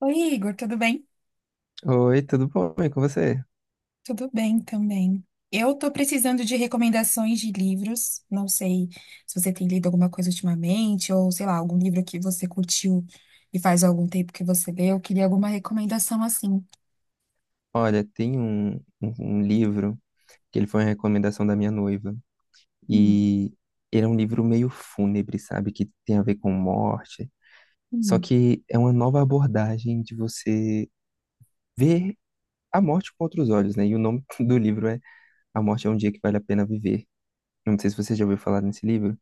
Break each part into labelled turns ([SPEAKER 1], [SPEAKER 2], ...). [SPEAKER 1] Oi, Igor, tudo bem?
[SPEAKER 2] Oi, tudo bom? E com você?
[SPEAKER 1] Tudo bem também. Eu tô precisando de recomendações de livros. Não sei se você tem lido alguma coisa ultimamente, ou sei lá, algum livro que você curtiu e faz algum tempo que você leu. Eu queria alguma recomendação assim.
[SPEAKER 2] Olha, tem um livro que ele foi uma recomendação da minha noiva.
[SPEAKER 1] Hum,
[SPEAKER 2] E ele é um livro meio fúnebre, sabe? Que tem a ver com morte. Só
[SPEAKER 1] hum.
[SPEAKER 2] que é uma nova abordagem de você ver a morte com outros olhos, né? E o nome do livro é A Morte é um Dia que Vale a Pena Viver. Eu não sei se você já ouviu falar nesse livro.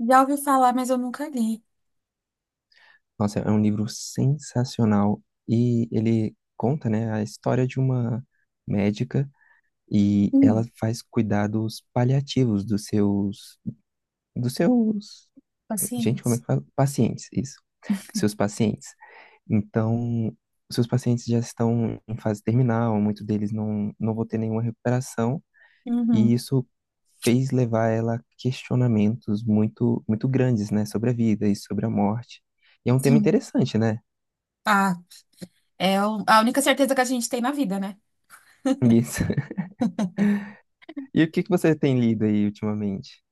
[SPEAKER 1] Já ouvi falar, mas eu nunca li.
[SPEAKER 2] Nossa, é um livro sensacional. E ele conta, né, a história de uma médica e ela
[SPEAKER 1] Hum,
[SPEAKER 2] faz cuidados paliativos dos seus, dos seus, gente, como é
[SPEAKER 1] paciência.
[SPEAKER 2] que fala? Pacientes, isso, dos seus pacientes. Então, os seus pacientes já estão em fase terminal, muitos deles não vão ter nenhuma recuperação, e
[SPEAKER 1] Uhum,
[SPEAKER 2] isso fez levar ela a questionamentos muito, muito grandes, né, sobre a vida e sobre a morte. E é um tema
[SPEAKER 1] sim.
[SPEAKER 2] interessante, né?
[SPEAKER 1] Ah, é a única certeza que a gente tem na vida, né?
[SPEAKER 2] Isso. E o que que você tem lido aí ultimamente?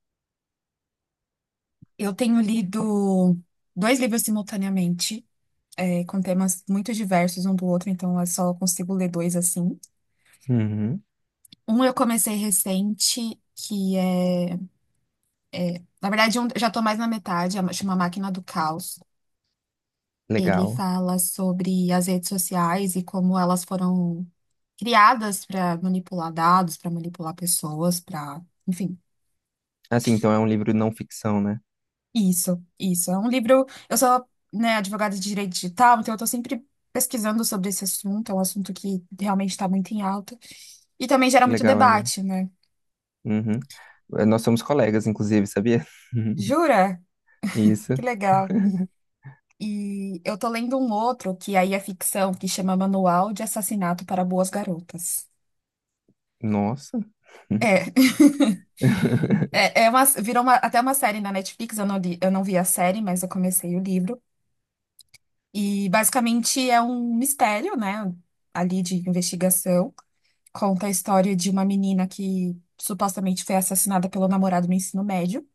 [SPEAKER 1] Eu tenho lido dois livros simultaneamente. É, com temas muito diversos um do outro, então eu só consigo ler dois assim.
[SPEAKER 2] Uhum,
[SPEAKER 1] Um eu comecei recente, que é. Na verdade, já tô mais na metade, chama Máquina do Caos. Ele
[SPEAKER 2] legal.
[SPEAKER 1] fala sobre as redes sociais e como elas foram criadas para manipular dados, para manipular pessoas, para. Enfim,
[SPEAKER 2] Assim, então é um livro não ficção, né?
[SPEAKER 1] isso. É um livro. Eu sou, né, advogada de direito digital, então eu tô sempre pesquisando sobre esse assunto, é um assunto que realmente está muito em alta. E também gera
[SPEAKER 2] Que
[SPEAKER 1] muito
[SPEAKER 2] legal, Agnes.
[SPEAKER 1] debate, né?
[SPEAKER 2] Uhum. Nós somos colegas, inclusive, sabia?
[SPEAKER 1] Jura?
[SPEAKER 2] Isso.
[SPEAKER 1] Que legal. E eu tô lendo um outro que aí é ficção, que chama Manual de Assassinato para Boas Garotas.
[SPEAKER 2] Nossa.
[SPEAKER 1] É, é, é uma, até uma série na Netflix, eu não li, eu não vi a série, mas eu comecei o livro. E basicamente é um mistério, né, ali de investigação. Conta a história de uma menina que supostamente foi assassinada pelo namorado no ensino médio.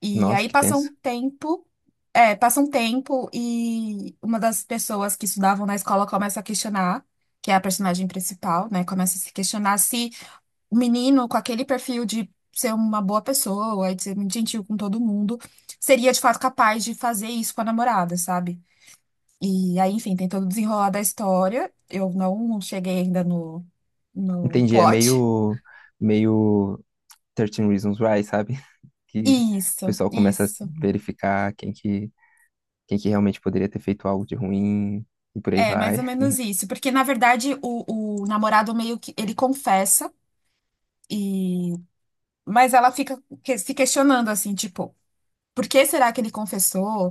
[SPEAKER 1] E
[SPEAKER 2] Nossa,
[SPEAKER 1] aí
[SPEAKER 2] que
[SPEAKER 1] passa um
[SPEAKER 2] tenso.
[SPEAKER 1] tempo, é, passa um tempo e uma das pessoas que estudavam na escola começa a questionar, que é a personagem principal, né? Começa a se questionar se o menino com aquele perfil de ser uma boa pessoa, de ser muito gentil com todo mundo, seria de fato capaz de fazer isso com a namorada, sabe? E aí, enfim, tem todo o desenrolar da história. Eu não cheguei ainda no
[SPEAKER 2] Entendi, é
[SPEAKER 1] plot.
[SPEAKER 2] meio Thirteen Reasons Why, sabe? Que o
[SPEAKER 1] Isso,
[SPEAKER 2] pessoal começa a
[SPEAKER 1] isso.
[SPEAKER 2] verificar quem que realmente poderia ter feito algo de ruim e por aí
[SPEAKER 1] É, mais ou
[SPEAKER 2] vai.
[SPEAKER 1] menos isso. Porque, na verdade, o namorado meio que ele confessa, e mas ela fica se questionando assim, tipo, por que será que ele confessou?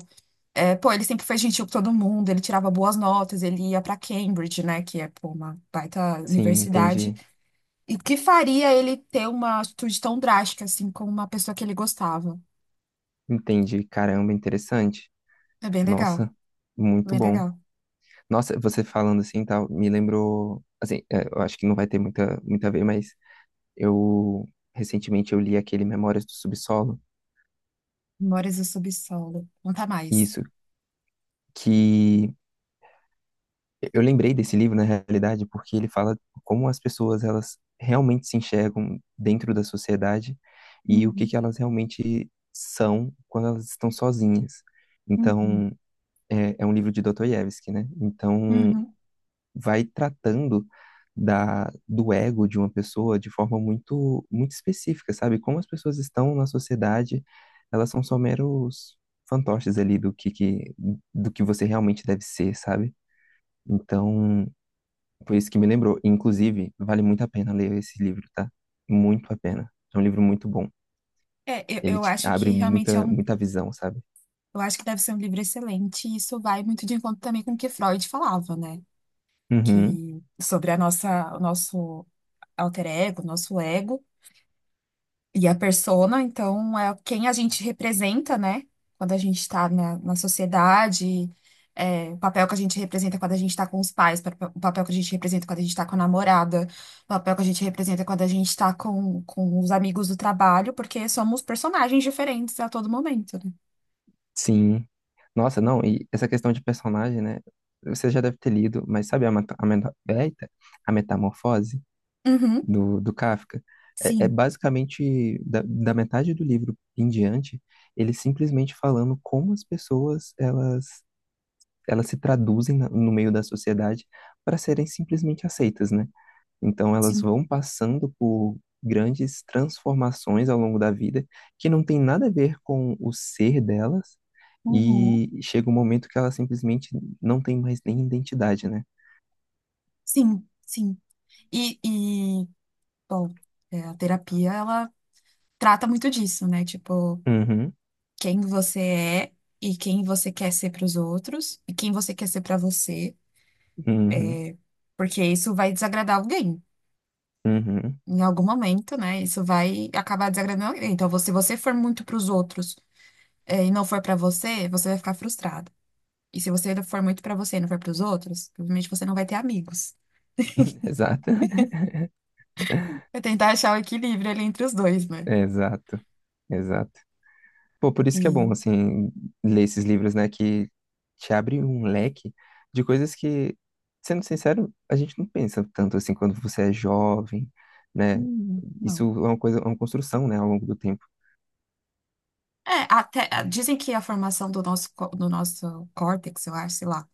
[SPEAKER 1] É, pô, ele sempre foi gentil com todo mundo, ele tirava boas notas, ele ia pra Cambridge, né? Que é, pô, uma baita
[SPEAKER 2] Sim,
[SPEAKER 1] universidade.
[SPEAKER 2] entendi.
[SPEAKER 1] E o que faria ele ter uma atitude tão drástica, assim, com uma pessoa que ele gostava?
[SPEAKER 2] Entendi. Caramba, interessante.
[SPEAKER 1] É bem legal,
[SPEAKER 2] Nossa, muito
[SPEAKER 1] bem
[SPEAKER 2] bom.
[SPEAKER 1] legal.
[SPEAKER 2] Nossa, você falando assim, tal, me lembrou, assim, é, eu acho que não vai ter muita, muita a ver, mas Eu recentemente eu li aquele Memórias do Subsolo,
[SPEAKER 1] Memórias do subsolo. Conta mais.
[SPEAKER 2] isso que eu lembrei desse livro na realidade porque ele fala como as pessoas elas realmente se enxergam dentro da sociedade e o que
[SPEAKER 1] Uhum,
[SPEAKER 2] que elas realmente são quando elas estão sozinhas.
[SPEAKER 1] uhum,
[SPEAKER 2] Então, é um livro de Dostoiévski, né? Então,
[SPEAKER 1] uhum.
[SPEAKER 2] vai tratando da, do ego de uma pessoa de forma muito, muito específica, sabe? Como as pessoas estão na sociedade, elas são só meros fantoches ali do que você realmente deve ser, sabe? Então, foi isso que me lembrou. Inclusive, vale muito a pena ler esse livro, tá? Muito a pena. É um livro muito bom.
[SPEAKER 1] É, eu,
[SPEAKER 2] Ele
[SPEAKER 1] eu
[SPEAKER 2] te
[SPEAKER 1] acho que
[SPEAKER 2] abre
[SPEAKER 1] realmente é
[SPEAKER 2] muita,
[SPEAKER 1] um
[SPEAKER 2] muita visão, sabe?
[SPEAKER 1] Eu acho que deve ser um livro excelente, e isso vai muito de encontro também com o que Freud falava, né?
[SPEAKER 2] Uhum.
[SPEAKER 1] Que sobre a nossa, o nosso alter ego, o nosso ego e a persona, então é quem a gente representa, né? Quando a gente está na sociedade, é, o papel que a gente representa quando a gente está com os pais, o papel que a gente representa quando a gente está com a namorada, o papel que a gente representa quando a gente está com os amigos do trabalho, porque somos personagens diferentes a todo momento, né?
[SPEAKER 2] Sim. Nossa, não, e essa questão de personagem, né? Você já deve ter lido, mas sabe a metamorfose
[SPEAKER 1] Uhum,
[SPEAKER 2] do Kafka? É, é
[SPEAKER 1] sim,
[SPEAKER 2] basicamente da metade do livro em diante, ele simplesmente falando como as pessoas elas se traduzem no meio da sociedade para serem simplesmente aceitas, né? Então, elas
[SPEAKER 1] sim.
[SPEAKER 2] vão passando por grandes transformações ao longo da vida que não tem nada a ver com o ser delas
[SPEAKER 1] Uhum.
[SPEAKER 2] e chega um momento que elas simplesmente não tem mais nem identidade, né?
[SPEAKER 1] Sim, sim. E, e bom, é, a terapia, ela trata muito disso, né? Tipo,
[SPEAKER 2] Uhum,
[SPEAKER 1] quem você é e quem você quer ser para os outros e quem você quer ser para você,
[SPEAKER 2] uhum,
[SPEAKER 1] porque isso vai desagradar alguém.
[SPEAKER 2] uhum.
[SPEAKER 1] Em algum momento, né? Isso vai acabar desagradando alguém. Então, se você for muito para os outros, é, e não for para você, você vai ficar frustrado. E se você for muito para você e não for para os outros, provavelmente você não vai ter amigos.
[SPEAKER 2] Exato,
[SPEAKER 1] É tentar achar o equilíbrio ali entre os dois, né?
[SPEAKER 2] exato, exato. Pô, por isso que é bom,
[SPEAKER 1] E.
[SPEAKER 2] assim, ler esses livros, né, que te abre um leque de coisas que, sendo sincero, a gente não pensa tanto, assim, quando você é jovem, né? Isso
[SPEAKER 1] Não.
[SPEAKER 2] é uma coisa, é uma construção, né, ao longo do tempo.
[SPEAKER 1] É, até, ah, dizem que a formação do nosso, do nosso córtex, eu acho, sei lá,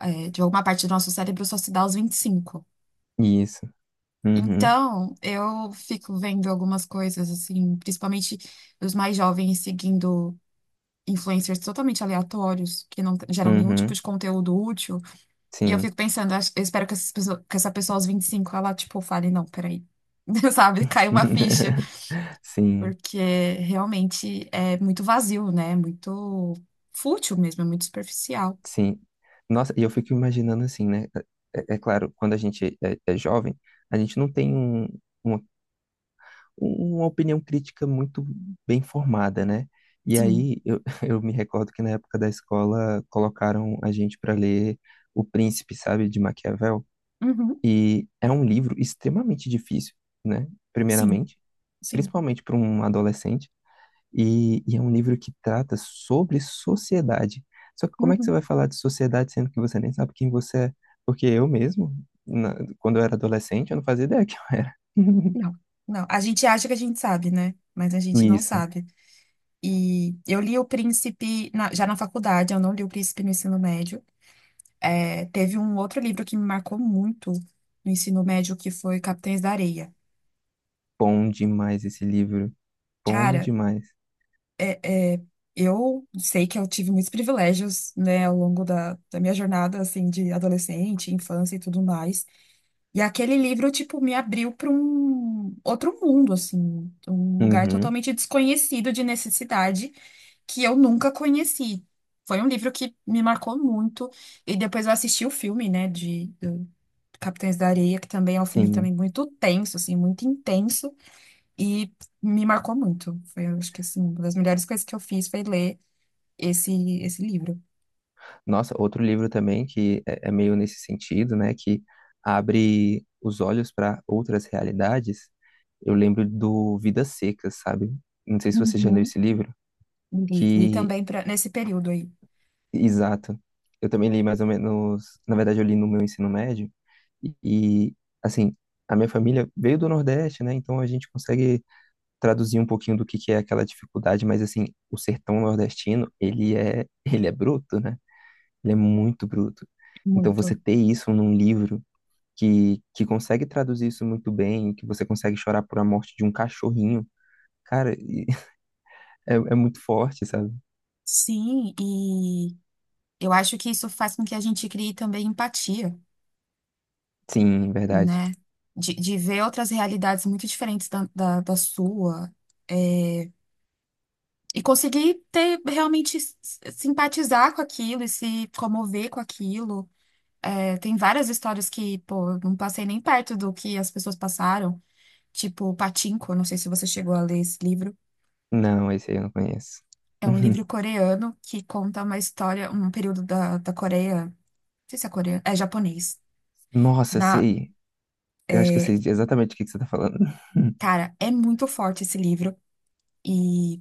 [SPEAKER 1] é, de alguma parte do nosso cérebro só se dá aos 25.
[SPEAKER 2] Isso. Uhum,
[SPEAKER 1] Então, eu fico vendo algumas coisas, assim, principalmente os mais jovens seguindo influencers totalmente aleatórios, que não geram nenhum tipo
[SPEAKER 2] uhum,
[SPEAKER 1] de conteúdo útil. E eu
[SPEAKER 2] sim.
[SPEAKER 1] fico pensando, eu espero que, que essa pessoa aos 25 ela, tipo, fale, não, peraí, sabe, cai uma ficha.
[SPEAKER 2] Sim,
[SPEAKER 1] Porque realmente é muito vazio, né? É muito fútil mesmo, é muito superficial.
[SPEAKER 2] sim. Nossa, e eu fico imaginando assim, né? É, é, claro, quando a gente é jovem, a gente não tem um, uma uma opinião crítica muito bem formada, né? E
[SPEAKER 1] Sim.
[SPEAKER 2] aí eu, eu me recordo que na época da escola colocaram a gente para ler O Príncipe, sabe, de Maquiavel,
[SPEAKER 1] Uhum.
[SPEAKER 2] e é um livro extremamente difícil, né?
[SPEAKER 1] Sim.
[SPEAKER 2] Primeiramente,
[SPEAKER 1] Sim.
[SPEAKER 2] principalmente para um adolescente, e é um livro que trata sobre sociedade. Só que como é que você vai
[SPEAKER 1] Uhum.
[SPEAKER 2] falar de sociedade sendo que você nem sabe quem você é? Porque eu mesmo, quando eu era adolescente, eu não fazia ideia que eu era.
[SPEAKER 1] Não. Não. A gente acha que a gente sabe, né? Mas a gente não
[SPEAKER 2] Isso.
[SPEAKER 1] sabe. E eu li O Príncipe já na faculdade, eu não li O Príncipe no ensino médio. É, teve um outro livro que me marcou muito no ensino médio, que foi Capitães da Areia.
[SPEAKER 2] Bom demais esse livro. Bom
[SPEAKER 1] Cara,
[SPEAKER 2] demais.
[SPEAKER 1] é, é, eu sei que eu tive muitos privilégios, né, ao longo da minha jornada, assim, de adolescente, infância e tudo mais. E aquele livro, tipo, me abriu para um outro mundo, assim, um lugar
[SPEAKER 2] Uhum,
[SPEAKER 1] totalmente desconhecido de necessidade que eu nunca conheci. Foi um livro que me marcou muito. E depois eu assisti o filme, né, de do Capitães da Areia, que também é um filme
[SPEAKER 2] sim.
[SPEAKER 1] também muito tenso, assim, muito intenso. E me marcou muito. Foi, eu acho que assim, uma das melhores coisas que eu fiz foi ler esse, esse livro.
[SPEAKER 2] Nossa, outro livro também que é meio nesse sentido, né? Que abre os olhos para outras realidades. Eu lembro do Vidas Secas, sabe? Não sei se você já leu
[SPEAKER 1] Uhum.
[SPEAKER 2] esse livro.
[SPEAKER 1] Li, li
[SPEAKER 2] Que,
[SPEAKER 1] também pra, nesse período aí,
[SPEAKER 2] exato. Eu também li mais ou menos. Na verdade, eu li no meu ensino médio. E, assim, a minha família veio do Nordeste, né? Então a gente consegue traduzir um pouquinho do que é aquela dificuldade, mas assim, o sertão nordestino, ele é, ele é bruto, né? Ele é muito bruto. Então você
[SPEAKER 1] muito.
[SPEAKER 2] ter isso num livro que consegue traduzir isso muito bem, que você consegue chorar por a morte de um cachorrinho, cara, e- é, é muito forte, sabe?
[SPEAKER 1] Sim, e eu acho que isso faz com que a gente crie também empatia,
[SPEAKER 2] Sim, verdade.
[SPEAKER 1] né? De ver outras realidades muito diferentes da sua, é, e conseguir ter realmente simpatizar com aquilo e se comover com aquilo. É, tem várias histórias que, pô, eu não passei nem perto do que as pessoas passaram. Tipo, Pachinko, não sei se você chegou a ler esse livro.
[SPEAKER 2] Não, esse aí eu não conheço.
[SPEAKER 1] É um
[SPEAKER 2] Uhum.
[SPEAKER 1] livro coreano que conta uma história, um período da Coreia. Não sei se é coreano, é japonês.
[SPEAKER 2] Nossa,
[SPEAKER 1] Na,
[SPEAKER 2] sei. Eu acho que eu sei exatamente o que que você tá falando.
[SPEAKER 1] cara, é muito forte esse livro e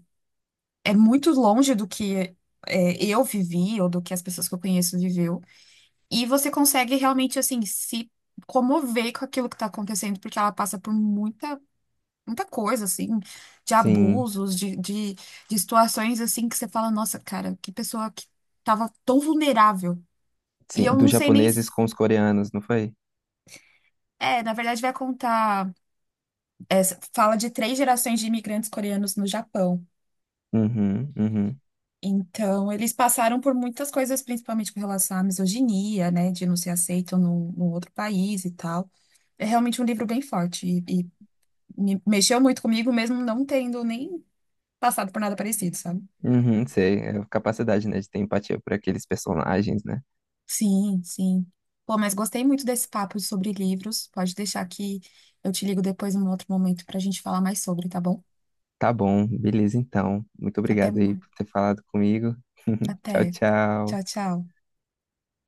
[SPEAKER 1] é muito longe do que é, eu vivi ou do que as pessoas que eu conheço viveu. E você consegue realmente, assim, se comover com aquilo que tá acontecendo, porque ela passa por muita coisa, assim, de
[SPEAKER 2] Sim,
[SPEAKER 1] abusos, de situações, assim, que você fala, nossa, cara, que pessoa que tava tão vulnerável. E eu
[SPEAKER 2] sim,
[SPEAKER 1] não
[SPEAKER 2] dos
[SPEAKER 1] sei nem.
[SPEAKER 2] japoneses
[SPEAKER 1] Se-
[SPEAKER 2] com os coreanos, não foi?
[SPEAKER 1] É, na verdade, vai contar, fala de 3 gerações de imigrantes coreanos no Japão.
[SPEAKER 2] Uhum, uhum.
[SPEAKER 1] Então, eles passaram por muitas coisas, principalmente com relação à misoginia, né, de não ser aceito num outro país e tal. É realmente um livro bem forte e me mexeu muito comigo, mesmo não tendo nem passado por nada parecido, sabe?
[SPEAKER 2] Uhum, sei, é a capacidade, né, de ter empatia por aqueles personagens, né?
[SPEAKER 1] Sim, sim. Pô, mas gostei muito desse papo sobre livros. Pode deixar que eu te ligo depois num outro momento pra gente falar mais sobre, tá bom?
[SPEAKER 2] Tá bom, beleza então. Muito
[SPEAKER 1] Até,
[SPEAKER 2] obrigado aí
[SPEAKER 1] mais.
[SPEAKER 2] por ter falado comigo. Tchau,
[SPEAKER 1] Até.
[SPEAKER 2] tchau.
[SPEAKER 1] Tchau, tchau.